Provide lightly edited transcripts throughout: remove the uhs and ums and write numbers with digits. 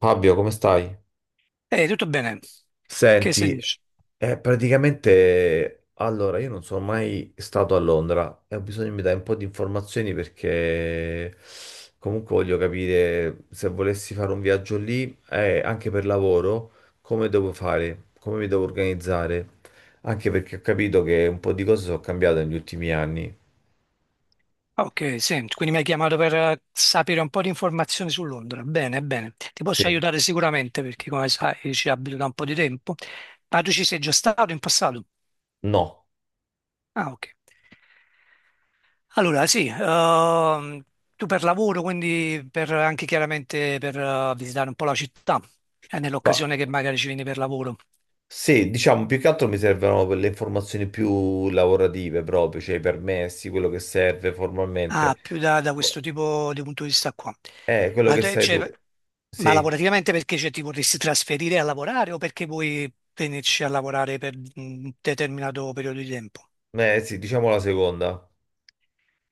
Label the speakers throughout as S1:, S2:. S1: Fabio, come stai?
S2: Ehi, tutto bene? Che si
S1: Senti,
S2: dice?
S1: praticamente allora io non sono mai stato a Londra e ho bisogno che mi dai un po' di informazioni perché comunque voglio capire se volessi fare un viaggio lì, anche per lavoro, come devo fare, come mi devo organizzare, anche perché ho capito che un po' di cose sono cambiate negli ultimi anni.
S2: Ok, senti, quindi mi hai chiamato per sapere un po' di informazioni su Londra. Bene, bene. Ti posso
S1: Sì,
S2: aiutare sicuramente perché, come sai, ci abito da un po' di tempo. Ma tu ci sei già stato in passato?
S1: no.
S2: Ah, ok. Allora, sì, tu per lavoro, quindi per anche chiaramente per visitare un po' la città,
S1: Ma
S2: nell'occasione che magari ci vieni per lavoro.
S1: Sì, diciamo, più che altro mi servono per le informazioni più lavorative proprio, cioè i permessi, quello che serve formalmente.
S2: Ah, più da
S1: Boh,
S2: questo tipo di punto di vista qua.
S1: eh, quello che sai
S2: Cioè,
S1: tu.
S2: ma
S1: Sì,
S2: lavorativamente perché cioè, ti vorresti trasferire a lavorare o perché vuoi venirci a lavorare per un determinato periodo di tempo?
S1: sì, diciamo la seconda.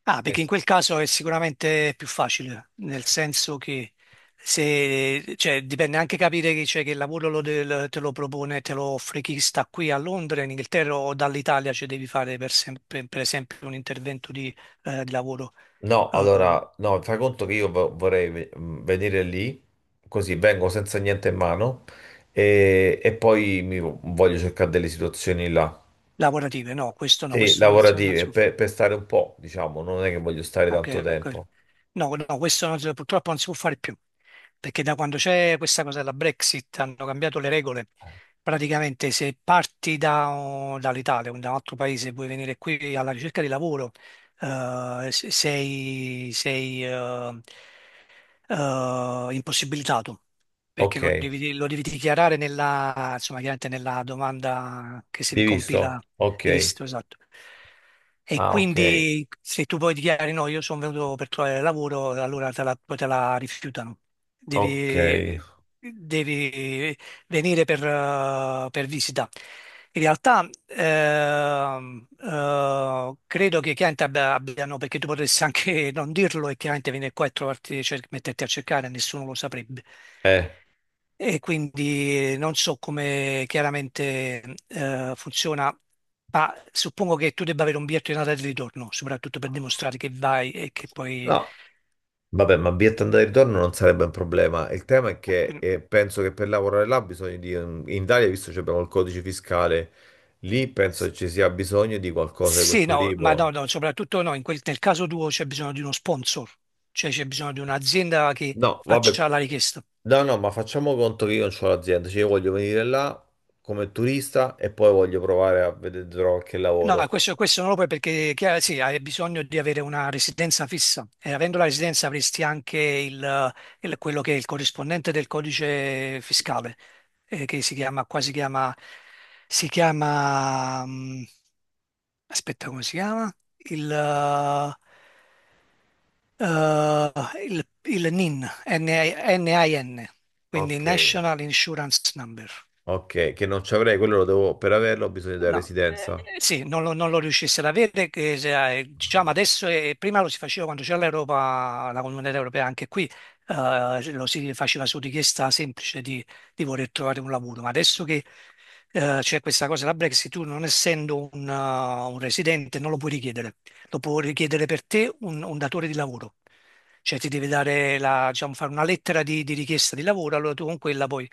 S2: Ah, perché in
S1: Questo.
S2: quel caso è sicuramente più facile, nel senso che se, cioè, dipende anche capire che, cioè, che il lavoro te lo propone, te lo offre chi sta qui a Londra, in Inghilterra o dall'Italia, cioè devi fare per, per esempio un intervento di lavoro.
S1: No,
S2: Eh,
S1: allora, no, fai conto che io venire lì, così vengo senza niente in mano e, poi voglio cercare delle situazioni là.
S2: lavorative. No, questo no,
S1: Sì,
S2: questo non si
S1: lavorative,
S2: può
S1: per stare un po', diciamo, non è che voglio stare
S2: ah,
S1: tanto
S2: che- que-
S1: tempo.
S2: no, no, questo non si- purtroppo non si può fare più, perché da quando c'è questa cosa della Brexit hanno cambiato le regole. Praticamente se parti dall'Italia o da un altro paese e vuoi venire qui alla ricerca di lavoro, sei, impossibilitato, perché
S1: Ok,
S2: lo devi dichiarare nella, insomma, chiaramente nella domanda che si
S1: di visto?
S2: compila di
S1: Ok.
S2: visto, esatto. E
S1: Ah, ok.
S2: quindi se tu poi dichiari no, io sono venuto per trovare lavoro, allora poi te la rifiutano.
S1: Ok,
S2: Devi, devi venire per visita. In realtà credo che chiaramente abbiano, perché tu potresti anche non dirlo e chiaramente venire qua e trovarti, metterti a cercare, nessuno lo saprebbe.
S1: eh,
S2: E quindi non so come chiaramente funziona, ma suppongo che tu debba avere un biglietto di andata e di ritorno, soprattutto per dimostrare che vai e che poi
S1: no, vabbè, ma biglietto andata e ritorno non sarebbe un problema. Il tema è
S2: eh,
S1: che
S2: quindi-
S1: penso che per lavorare là bisogna di... In Italia, visto che abbiamo il codice fiscale, lì penso che ci sia bisogno di qualcosa di
S2: sì,
S1: questo
S2: no, ma
S1: tipo.
S2: no, no, soprattutto no, nel caso tuo c'è bisogno di uno sponsor, cioè c'è bisogno di un'azienda che
S1: No, vabbè,
S2: faccia la richiesta.
S1: no, no, ma facciamo conto che io non ho l'azienda, cioè io voglio venire là come turista e poi voglio provare a vedere se trovo qualche
S2: No,
S1: lavoro.
S2: questo non lo puoi perché chiaro, sì, hai bisogno di avere una residenza fissa e avendo la residenza avresti anche quello che è il corrispondente del codice fiscale, che si chiama, qua si chiama, aspetta come si chiama? Il, eh, il NIN, N-I-N, quindi
S1: Ok.
S2: National Insurance Number.
S1: Ok, che non ci avrei, quello lo devo, per averlo ho bisogno della
S2: No,
S1: residenza.
S2: sì, non lo riuscisse ad avere, che se- diciamo adesso, prima lo si faceva quando c'era l'Europa, la Comunità Europea, anche qui lo si faceva su richiesta semplice di voler trovare un lavoro, ma adesso che c'è questa cosa, la Brexit, tu non essendo un residente non lo puoi richiedere, lo può richiedere per te un datore di lavoro. Cioè ti devi dare la, diciamo, fare una lettera di richiesta di lavoro, allora tu con quella poi,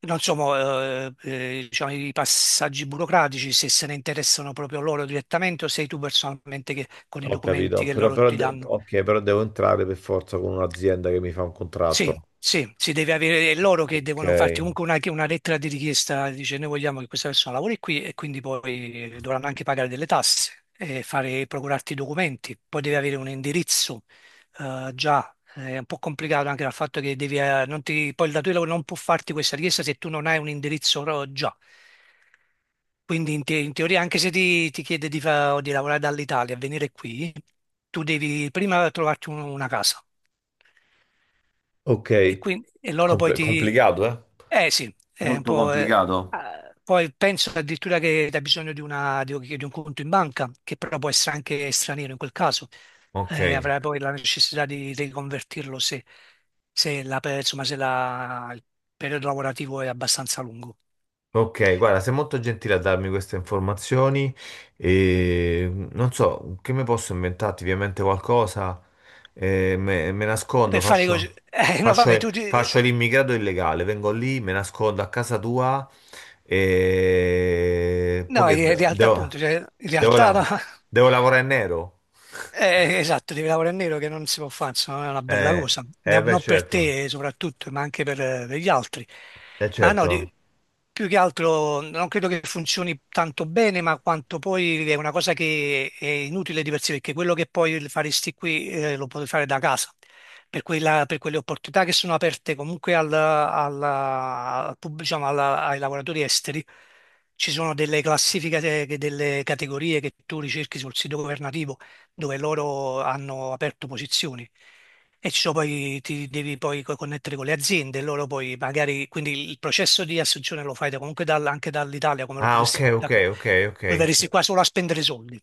S2: non so, diciamo, i passaggi burocratici, se se ne interessano proprio loro direttamente o sei tu personalmente che, con i
S1: Ho
S2: documenti
S1: capito,
S2: che
S1: però,
S2: loro ti danno.
S1: ok, però devo entrare per forza con un'azienda che mi fa un
S2: Sì,
S1: contratto.
S2: sì, si deve avere, è loro che
S1: Ok,
S2: devono farti comunque una lettera di richiesta, dice noi vogliamo che questa persona lavori qui e quindi poi dovranno anche pagare delle tasse e fare, procurarti i documenti, poi devi avere un indirizzo è un po' complicato anche dal fatto che devi, non ti, poi il datore di lavoro non può farti questa richiesta se tu non hai un indirizzo già. Quindi in teoria anche se ti chiede di, di lavorare dall'Italia, venire qui, tu devi prima trovarti una casa.
S1: ok,
S2: E, quindi, e loro poi ti...
S1: Complicato, eh?
S2: Eh sì, è un
S1: Molto
S2: po'...
S1: complicato.
S2: ah, poi penso addirittura che hai bisogno di, un di un conto in banca, che però può essere anche straniero in quel caso.
S1: Ok.
S2: Avrai poi la necessità di riconvertirlo se, insomma, se la- il periodo lavorativo è abbastanza lungo.
S1: Ok, guarda, sei molto gentile a darmi queste informazioni e non so che mi posso inventarti, ovviamente qualcosa, me nascondo,
S2: Per fare così... no,
S1: faccio,
S2: vabbè,
S1: faccio l'immigrato illegale, vengo lì, me nascondo a casa tua e poi
S2: no, in realtà appunto, cioè, in
S1: devo,
S2: realtà no.
S1: devo lavorare in nero?
S2: Esatto, devi lavorare in nero che non si può fare, insomma, è una bella
S1: Eh,
S2: cosa.
S1: beh,
S2: Non per
S1: certo,
S2: te soprattutto, ma anche per gli altri. Ma no,
S1: certo.
S2: più che altro non credo che funzioni tanto bene, ma quanto poi è una cosa che è inutile di per sé, perché quello che poi faresti qui lo puoi fare da casa. Per, per quelle opportunità che sono aperte comunque al, alla- al pub- diciamo, ai lavoratori esteri, ci sono delle classifiche, delle categorie che tu ricerchi sul sito governativo dove loro hanno aperto posizioni. E ci sono poi, ti devi poi connettere con le aziende, loro poi magari, quindi il processo di assunzione lo fai comunque anche dall'Italia, come lo
S1: Ah, ok,
S2: potresti da
S1: ok,
S2: qui.
S1: ok, ok.
S2: Poi verresti qua solo a spendere soldi,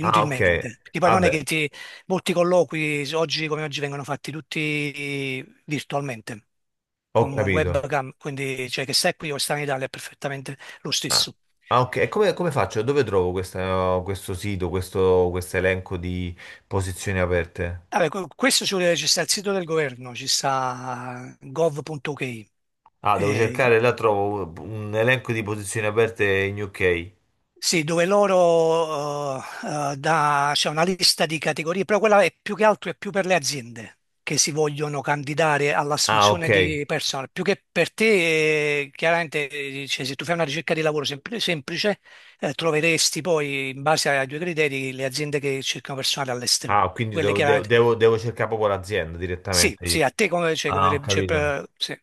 S1: Ah, ok,
S2: Perché poi non è che
S1: vabbè,
S2: ti, molti colloqui, oggi come oggi, vengono fatti tutti virtualmente,
S1: ho
S2: con
S1: capito.
S2: webcam, quindi cioè che stai qui o stai in Italia è perfettamente lo
S1: Ah,
S2: stesso.
S1: ah, ok. E come, come faccio? Dove trovo questo sito, questo elenco di posizioni aperte?
S2: Vabbè, questo ci sta il sito del governo, ci sta gov.uk,
S1: Ah, devo
S2: eh,
S1: cercare, là trovo un elenco di posizioni aperte in UK.
S2: sì, dove loro c'è una lista di categorie, però quella è più che altro è più per le aziende che si vogliono candidare
S1: Ah, ok.
S2: all'assunzione di personal, più che per te, chiaramente, cioè, se tu fai una ricerca di lavoro semplice, troveresti poi, in base ai due criteri, le aziende che cercano personale all'estero,
S1: Ah, quindi
S2: quelle
S1: devo,
S2: chiaramente.
S1: devo cercare proprio l'azienda
S2: Sì,
S1: direttamente io.
S2: sì, a te come, cioè,
S1: Ah, ho
S2: cioè,
S1: capito.
S2: sì,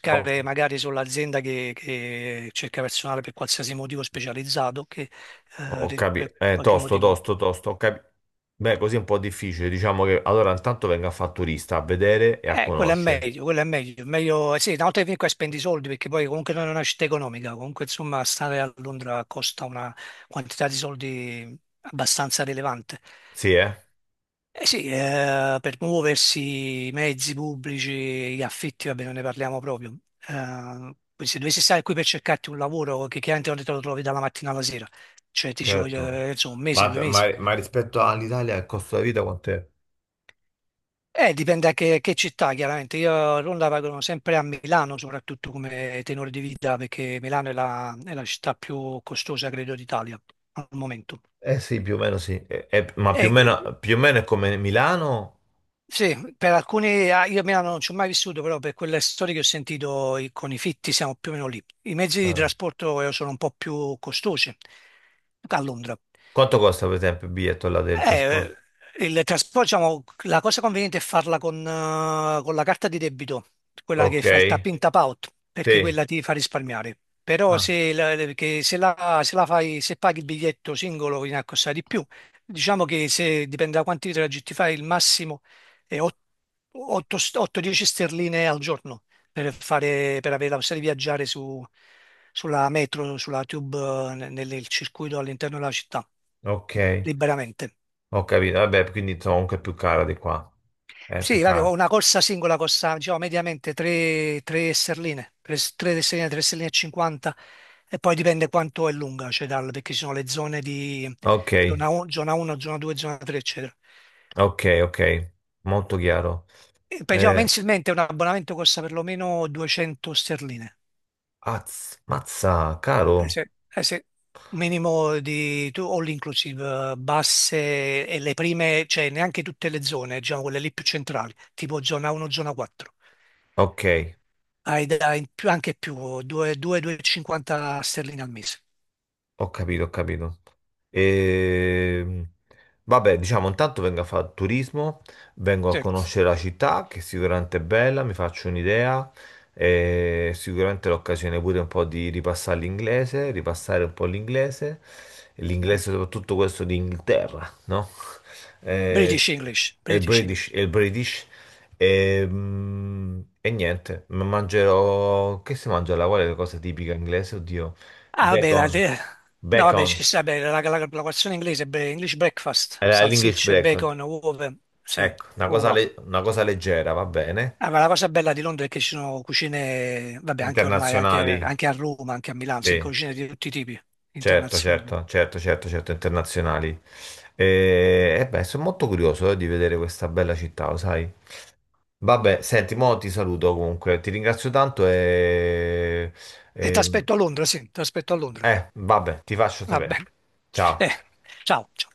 S1: Ho,
S2: magari sull'azienda che cerca personale per qualsiasi motivo specializzato, che
S1: ho capito.
S2: per qualche
S1: Tosto,
S2: motivo.
S1: tosto, tosto. Beh, così è un po' difficile. Diciamo che allora intanto venga a fare turista, a vedere e a conoscere.
S2: Quello è meglio, eh sì, una volta che vieni qua e spendi i soldi, perché poi comunque non è una città economica, comunque insomma stare a Londra costa una quantità di soldi abbastanza rilevante.
S1: Sì, eh?
S2: Eh sì, per muoversi, i mezzi pubblici, gli affitti, vabbè, non ne parliamo proprio. Poi se dovessi stare qui per cercarti un lavoro, che chiaramente non te lo trovi dalla mattina alla sera, cioè ti ci voglio,
S1: Certo,
S2: insomma, un mese, due mesi.
S1: ma rispetto all'Italia il costo della vita quant'è?
S2: Dipende da che città, chiaramente. Io a Londra vado sempre a Milano, soprattutto come tenore di vita, perché Milano è la città più costosa, credo, d'Italia al momento.
S1: Eh sì, più o meno sì, eh, ma
S2: E
S1: più o meno è come Milano.
S2: sì, per alcuni, ah, io a Milano non ci ho mai vissuto, però per quelle storie che ho sentito con i fitti siamo più o meno lì. I mezzi di
S1: Ah.
S2: trasporto sono un po' più costosi a Londra.
S1: Quanto costa per esempio il biglietto là del
S2: Eh,
S1: trasporto?
S2: il trasporto, diciamo, la cosa conveniente è farla con la carta di debito, quella che
S1: Ok,
S2: fa il tap in tap out, perché
S1: sì,
S2: quella ti fa risparmiare. Però
S1: ah,
S2: se la fai, se paghi il biglietto singolo viene a costare di più. Diciamo che se dipende da quanti traghetti fai, il massimo è 8-10 sterline al giorno per fare, per avere la possibilità di viaggiare sulla metro, sulla tube, nel nel circuito all'interno della città,
S1: ok,
S2: liberamente.
S1: ho capito, vabbè, quindi sono anche più cara di qua, è più
S2: Sì, vabbè,
S1: cara.
S2: ho una corsa singola, costa, diciamo, mediamente 3, sterline, 3, sterline, 3 sterline e 50, e poi dipende quanto è lunga, cioè dal, perché ci sono le zone di
S1: Ok,
S2: zona 1, zona 1, zona 2, zona 3, eccetera.
S1: ok, ok, molto chiaro.
S2: E, diciamo,
S1: Eh,
S2: mensilmente un abbonamento costa perlomeno 200 sterline,
S1: azz- mazza, caro,
S2: eh sì, eh sì. Minimo di all inclusive, basse e le prime, cioè neanche tutte le zone, diciamo quelle lì più centrali, tipo zona 1, zona 4.
S1: ok.
S2: Hai anche più, 2,50 sterline al mese.
S1: Ho capito, ho capito. Ehm, Vabbè, diciamo, intanto vengo a fare turismo, vengo a
S2: Sì.
S1: conoscere la città, che sicuramente è bella, mi faccio un'idea, e sicuramente l'occasione pure un po' di ripassare l'inglese, ripassare un po' l'inglese, e l'inglese soprattutto questo di Inghilterra, no? Eh,
S2: British English,
S1: e il
S2: British
S1: British,
S2: English.
S1: e il British. Ehm, E, niente, ma mangerò... Che si mangia là? Qual è la cosa tipica inglese? Oddio.
S2: Ah, vabbè,
S1: Bacon,
S2: no, vabbè,
S1: bacon,
S2: ci sta, beh, la colazione inglese, beh, English breakfast,
S1: era l'English
S2: salsicce,
S1: breakfast.
S2: bacon, uova, sì,
S1: Ecco, una cosa,
S2: uova.
S1: una cosa leggera, va bene.
S2: Ah, ma la cosa bella di Londra è che ci sono cucine, vabbè, anche ormai,
S1: Internazionali,
S2: anche a Roma, anche a Milano, sì,
S1: sì,
S2: cucine di tutti i tipi,
S1: certo,
S2: internazionali.
S1: certo, certo, certo, certo, internazionali. E beh, sono molto curioso, di vedere questa bella città, lo sai. Vabbè, senti, mo ti saluto comunque, ti ringrazio tanto e...
S2: E ti
S1: e-
S2: aspetto a Londra, sì, ti aspetto a Londra.
S1: vabbè, ti faccio
S2: Va
S1: sapere.
S2: bene. Eh,
S1: Ciao.
S2: ciao. Ciao.